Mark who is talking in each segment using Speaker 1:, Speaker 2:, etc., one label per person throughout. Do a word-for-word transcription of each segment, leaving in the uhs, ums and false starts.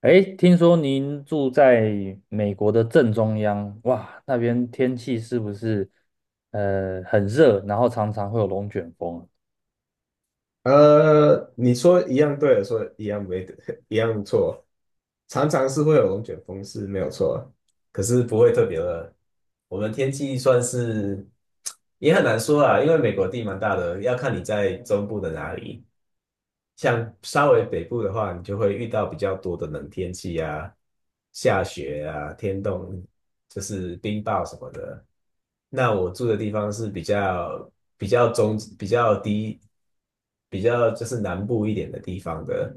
Speaker 1: 哎，听说您住在美国的正中央，哇，那边天气是不是呃很热，然后常常会有龙卷风啊。
Speaker 2: 呃，你说一样对，说一样没，一样错，常常是会有龙卷风是没有错，可是不会特别的。我们天气算是也很难说啊，因为美国地蛮大的，要看你在中部的哪里。像稍微北部的话，你就会遇到比较多的冷天气啊，下雪啊，天冻，就是冰雹什么的。那我住的地方是比较比较中比较低，比较就是南部一点的地方的，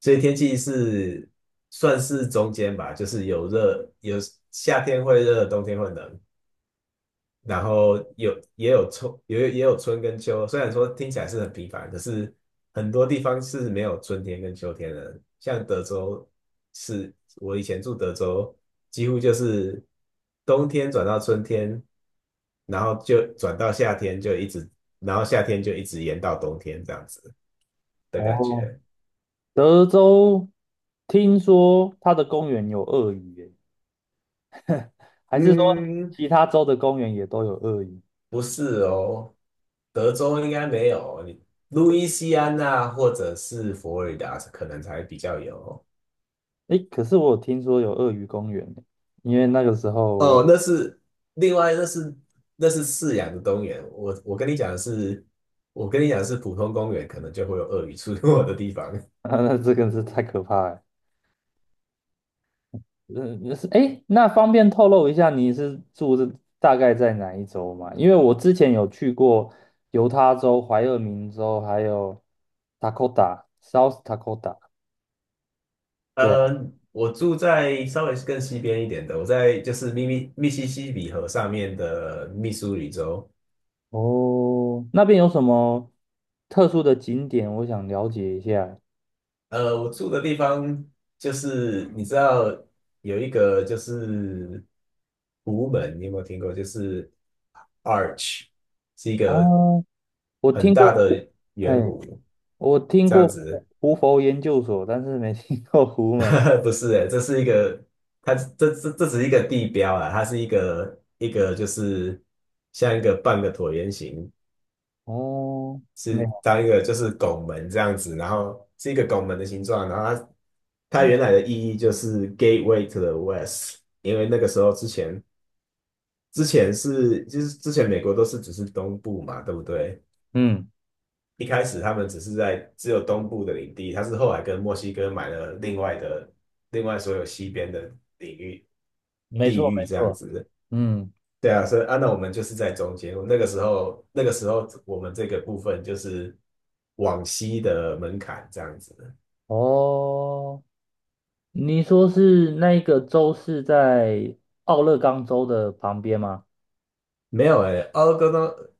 Speaker 2: 所以天气是算是中间吧，就是有热，有夏天会热，冬天会冷，然后有也有春，也有也有春跟秋。虽然说听起来是很平凡，可是很多地方是没有春天跟秋天的。像德州是，我以前住德州，几乎就是冬天转到春天，然后就转到夏天，就一直，然后夏天就一直延到冬天这样子的感
Speaker 1: 哦，
Speaker 2: 觉。
Speaker 1: 德州听说它的公园有鳄鱼耶，还是说
Speaker 2: 嗯，
Speaker 1: 其他州的公园也都有鳄鱼？
Speaker 2: 不是哦，德州应该没有，你路易斯安那或者是佛罗里达可能才比较有。
Speaker 1: 哎，可是我有听说有鳄鱼公园耶，因为那个时
Speaker 2: 哦，
Speaker 1: 候，
Speaker 2: 那是另外，那是那是饲养的公园。我我跟你讲的是，我跟你讲的是普通公园，可能就会有鳄鱼出没的地方。
Speaker 1: 那这个是太可怕了。嗯，是哎，那方便透露一下你是住的大概在哪一州吗？因为我之前有去过犹他州、怀俄明州，还有 Dakota、South Dakota。对啊。
Speaker 2: 呃，我住在稍微更西边一点的，我在就是密密密西西比河上面的密苏里州。
Speaker 1: 哦，那边有什么特殊的景点？我想了解一下。
Speaker 2: 呃，我住的地方就是你知道有一个就是湖门，你有没有听过？就是 Arch 是一
Speaker 1: 啊，
Speaker 2: 个
Speaker 1: 我
Speaker 2: 很
Speaker 1: 听过
Speaker 2: 大
Speaker 1: 胡，
Speaker 2: 的圆
Speaker 1: 嘿，
Speaker 2: 弧
Speaker 1: 我听
Speaker 2: 这
Speaker 1: 过
Speaker 2: 样
Speaker 1: 胡
Speaker 2: 子。
Speaker 1: 胡佛研究所，但是没听过胡门
Speaker 2: 不是诶，这是一个，它这这这只是一个地标啊，它是一个一个就是像一个半个椭圆形，
Speaker 1: 哦，
Speaker 2: 是
Speaker 1: 没，
Speaker 2: 当一个就是拱门这样子，然后是一个拱门的形状，然后它它原来的意义就是 Gateway to the West，因为那个时候之前之前是就是之前美国都是只是东部嘛，对不对？
Speaker 1: 嗯，
Speaker 2: 一开始他们只是在只有东部的领地，它是后来跟墨西哥买了另外的另外所有西边的。领域。
Speaker 1: 没
Speaker 2: 地
Speaker 1: 错，
Speaker 2: 狱
Speaker 1: 没
Speaker 2: 这样
Speaker 1: 错，
Speaker 2: 子。
Speaker 1: 嗯，
Speaker 2: 对啊，所以啊，那我们就是在中间。那个时候，那个时候我们这个部分就是往西的门槛这样子。
Speaker 1: 哦。你说是那一个州是在奥勒冈州的旁边吗？
Speaker 2: 没有诶、欸奥勒冈州，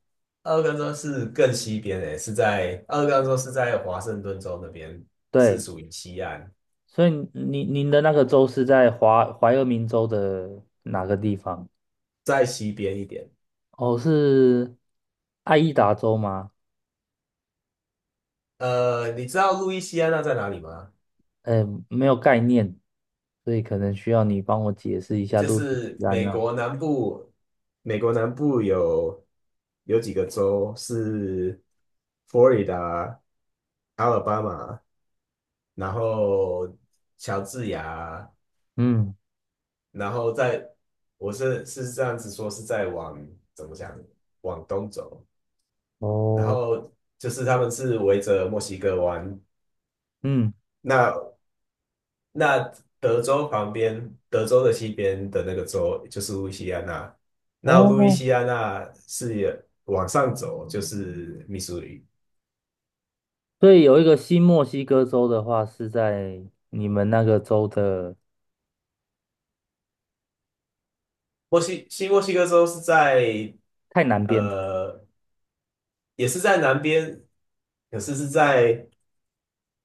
Speaker 2: 奥勒冈州是更西边诶、欸是在奥勒冈州是在华盛顿州那边，是
Speaker 1: 对，
Speaker 2: 属于西岸，
Speaker 1: 所以您您的那个州是在华怀俄明州的哪个地方？
Speaker 2: 在西边一点。
Speaker 1: 哦，是爱伊达州吗？
Speaker 2: 呃，你知道路易斯安那在哪里吗？
Speaker 1: 哎，没有概念，所以可能需要你帮我解释一下
Speaker 2: 就
Speaker 1: 路易
Speaker 2: 是
Speaker 1: 斯安
Speaker 2: 美
Speaker 1: 那。
Speaker 2: 国南部美国南部有有几个州是佛罗里达、阿尔巴马，然后乔治亚，
Speaker 1: 嗯，
Speaker 2: 然后在我是是这样子说，是在往怎么讲往东走，然
Speaker 1: 哦，
Speaker 2: 后就是他们是围着墨西哥湾，
Speaker 1: 嗯，
Speaker 2: 那那德州旁边，德州的西边的那个州就是路易西安那，那路易
Speaker 1: 哦，
Speaker 2: 西安那是往上走就是密苏里。
Speaker 1: 所以有一个新墨西哥州的话是在你们那个州的
Speaker 2: 墨西西墨西哥州是在
Speaker 1: 太南边，
Speaker 2: 呃，也是在南边，可是是在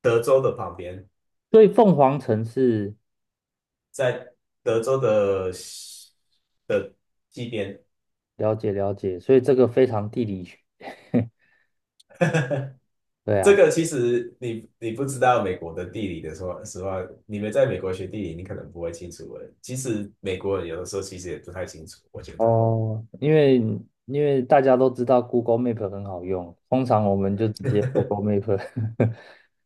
Speaker 2: 德州的旁边，
Speaker 1: 所以凤凰城是。
Speaker 2: 在德州的西的西边。
Speaker 1: 了解了解，所以这个非常地理学，对
Speaker 2: 这
Speaker 1: 啊。
Speaker 2: 个其实你你不知道美国的地理的说实话，你们在美国学地理，你可能不会清楚的。其实美国人有的时候其实也不太清楚，我觉得。
Speaker 1: 哦，因为因为大家都知道 Google Map 很好用，通常我们就直
Speaker 2: 嗯，
Speaker 1: 接 Google Map。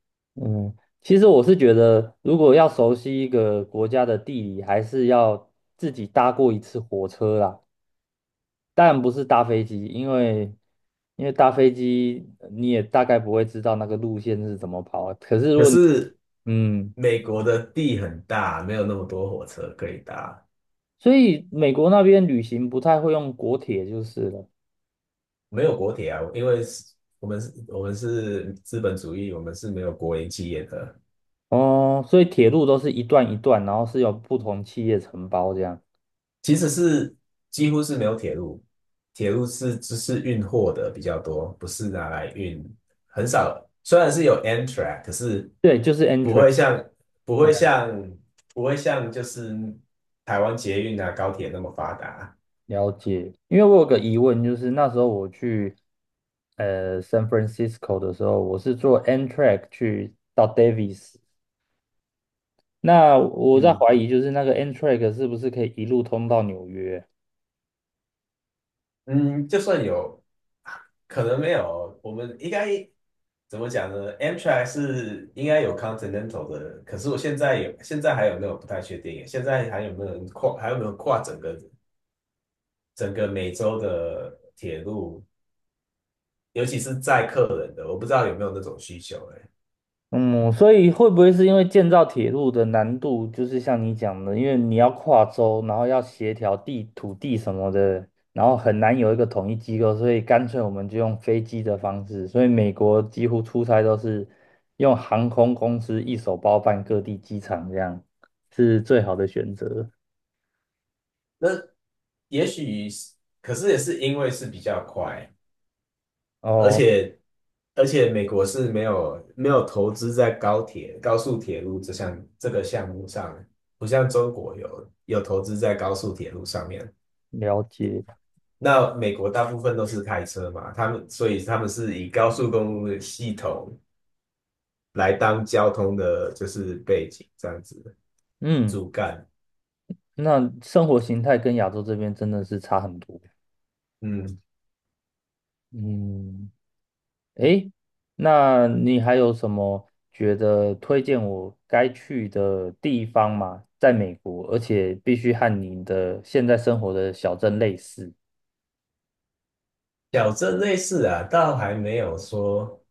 Speaker 1: 嗯，其实我是觉得，如果要熟悉一个国家的地理，还是要自己搭过一次火车啦。当然不是搭飞机，因为因为搭飞机你也大概不会知道那个路线是怎么跑啊，可是如
Speaker 2: 可
Speaker 1: 果你
Speaker 2: 是
Speaker 1: 嗯。
Speaker 2: 美国的地很大，没有那么多火车可以搭。
Speaker 1: 所以美国那边旅行不太会用国铁就是了。
Speaker 2: 没有国铁啊，因为是我们是我们是资本主义，我们是没有国营企业的，
Speaker 1: 哦，所以铁路都是一段一段，然后是有不同企业承包这样。
Speaker 2: 其实是几乎是没有铁路，铁路是只是运货的比较多，不是拿来运，很少。虽然是有 Amtrak，可是
Speaker 1: 对，就是
Speaker 2: 不
Speaker 1: Amtrak。
Speaker 2: 会像不会像不会像就是台湾捷运啊高铁那么发达。
Speaker 1: 了解，因为我有个疑问，就是那时候我去呃 San Francisco 的时候，我是坐 Amtrak 去到 Davis，那我在
Speaker 2: 嗯
Speaker 1: 怀疑就是那个 Amtrak 是不是可以一路通到纽约？
Speaker 2: 嗯，就算有。可能没有，我们应该怎么讲呢？Amtrak 是应该有 Continental 的，可是我现在有，现在还有没有不太确定耶。现在还有没有人跨，还有没有跨整个整个美洲的铁路，尤其是载客人的，我不知道有没有那种需求、欸。
Speaker 1: 嗯，所以会不会是因为建造铁路的难度，就是像你讲的，因为你要跨州，然后要协调地土地什么的，然后很难有一个统一机构，所以干脆我们就用飞机的方式。所以美国几乎出差都是用航空公司一手包办各地机场，这样是最好的选择。
Speaker 2: 那也许是，可是也是因为是比较快，而
Speaker 1: 哦，
Speaker 2: 且而且美国是没有没有投资在高铁、高速铁路这项这个项目上，不像中国有有投资在高速铁路上面。
Speaker 1: 了解。
Speaker 2: 那美国大部分都是开车嘛，他们所以他们是以高速公路的系统来当交通的，就是背景这样子
Speaker 1: 嗯，
Speaker 2: 主干。
Speaker 1: 那生活形态跟亚洲这边真的是差很多。
Speaker 2: 嗯，
Speaker 1: 嗯。诶，那你还有什么觉得推荐我该去的地方吗？在美国，而且必须和你的现在生活的小镇类似。
Speaker 2: 小镇类似啊，倒还没有说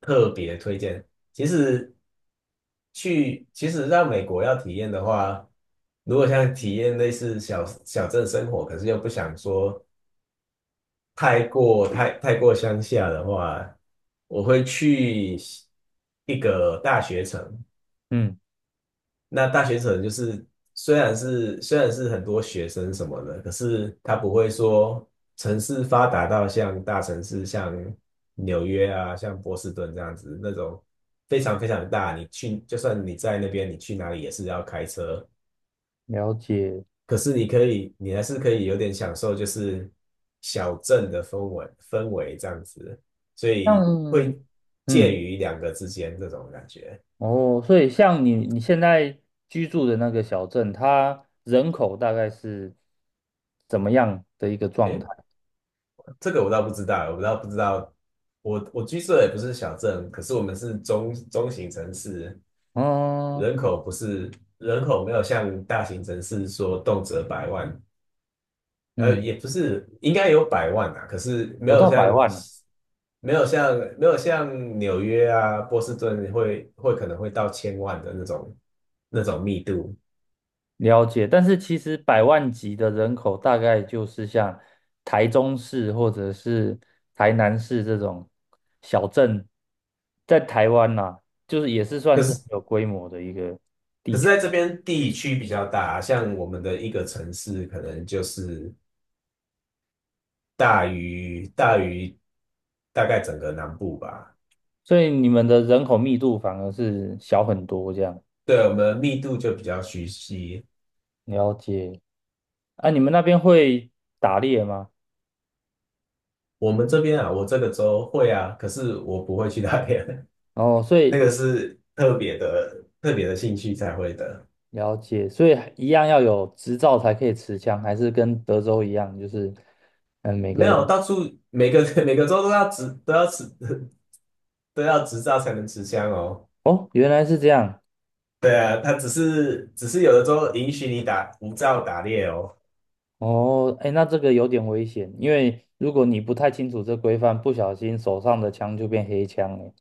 Speaker 2: 特别推荐。其实去，其实到美国要体验的话，如果想体验类似小小镇生活，可是又不想说太过太太过乡下的话，我会去一个大学城，
Speaker 1: 嗯，
Speaker 2: 那大学城就是虽然是虽然是很多学生什么的，可是他不会说城市发达到像大城市，像纽约啊，像波士顿这样子那种非常非常大。你去就算你在那边，你去哪里也是要开车，
Speaker 1: 了解。
Speaker 2: 可是你可以，你还是可以有点享受就是小镇的氛围氛围这样子，所以
Speaker 1: 像，
Speaker 2: 会介
Speaker 1: 嗯，
Speaker 2: 于两个之间这种感觉。
Speaker 1: 哦，所以像你你现在居住的那个小镇，它人口大概是怎么样的一个状态？
Speaker 2: 诶这个我倒不知道，我倒不知道。我我居住的也不是小镇，可是我们是中中型城市，
Speaker 1: 嗯
Speaker 2: 人口不是人口没有像大型城市说动辄百万，呃，
Speaker 1: 嗯，
Speaker 2: 也不是应该有百万啊，可是没
Speaker 1: 有
Speaker 2: 有
Speaker 1: 到
Speaker 2: 像
Speaker 1: 百万了。
Speaker 2: 没有像没有像纽约啊、波士顿会会可能会到千万的那种那种密度，
Speaker 1: 了解，但是其实百万级的人口大概就是像台中市或者是台南市这种小镇，在台湾呐、就是也是算
Speaker 2: 可
Speaker 1: 是很
Speaker 2: 是
Speaker 1: 有规模的一个
Speaker 2: 可
Speaker 1: 地
Speaker 2: 是
Speaker 1: 区，
Speaker 2: 在这边地区比较大啊，像我们的一个城市可能就是。大于大于大概整个南部吧。
Speaker 1: 所以你们的人口密度反而是小很多这样。
Speaker 2: 对，我们密度就比较稀稀。
Speaker 1: 了解，啊，你们那边会打猎吗？
Speaker 2: 我们这边啊，我这个州会啊，可是我不会去那边，
Speaker 1: 哦，所
Speaker 2: 那个
Speaker 1: 以
Speaker 2: 是特别的特别的兴趣才会的。
Speaker 1: 了解，所以一样要有执照才可以持枪，还是跟德州一样，就是嗯，每个
Speaker 2: 没有，
Speaker 1: 人。
Speaker 2: 到处每个 每个州都要执都要持 都要执照才能持枪哦。
Speaker 1: 哦，原来是这样。
Speaker 2: 对啊，他只是只是有的州允许你打无照打猎哦，
Speaker 1: 哦，哎，那这个有点危险，因为如果你不太清楚这规范，不小心手上的枪就变黑枪了。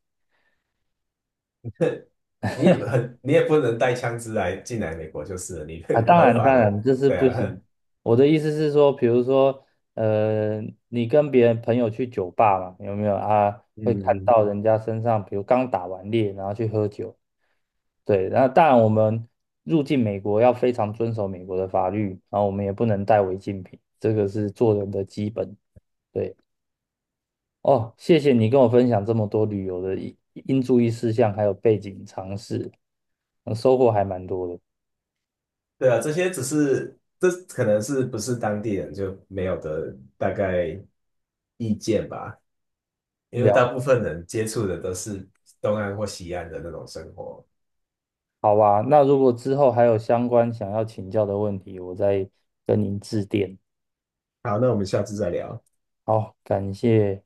Speaker 2: 你也不很你也不能带枪支来进来美国就是了，你
Speaker 1: 啊，当然，
Speaker 2: 合法
Speaker 1: 当然，
Speaker 2: 的。
Speaker 1: 这是
Speaker 2: 对
Speaker 1: 不
Speaker 2: 啊，
Speaker 1: 行。我的意思是说，比如说，呃，你跟别人朋友去酒吧嘛，有没有啊？会看
Speaker 2: 嗯，
Speaker 1: 到人家身上，比如刚打完猎，然后去喝酒。对，那当然，我们入境美国要非常遵守美国的法律，然后我们也不能带违禁品，这个是做人的基本。对。哦，谢谢你跟我分享这么多旅游的应应注意事项，还有背景常识，呃收获还蛮多的。
Speaker 2: 对啊，这些只是这可能是不是当地人就没有的大概意见吧，因为大
Speaker 1: 聊，
Speaker 2: 部分人接触的都是东岸或西岸的那种生活。
Speaker 1: 好吧，那如果之后还有相关想要请教的问题，我再跟您致电。
Speaker 2: 好，那我们下次再聊。
Speaker 1: 好，感谢。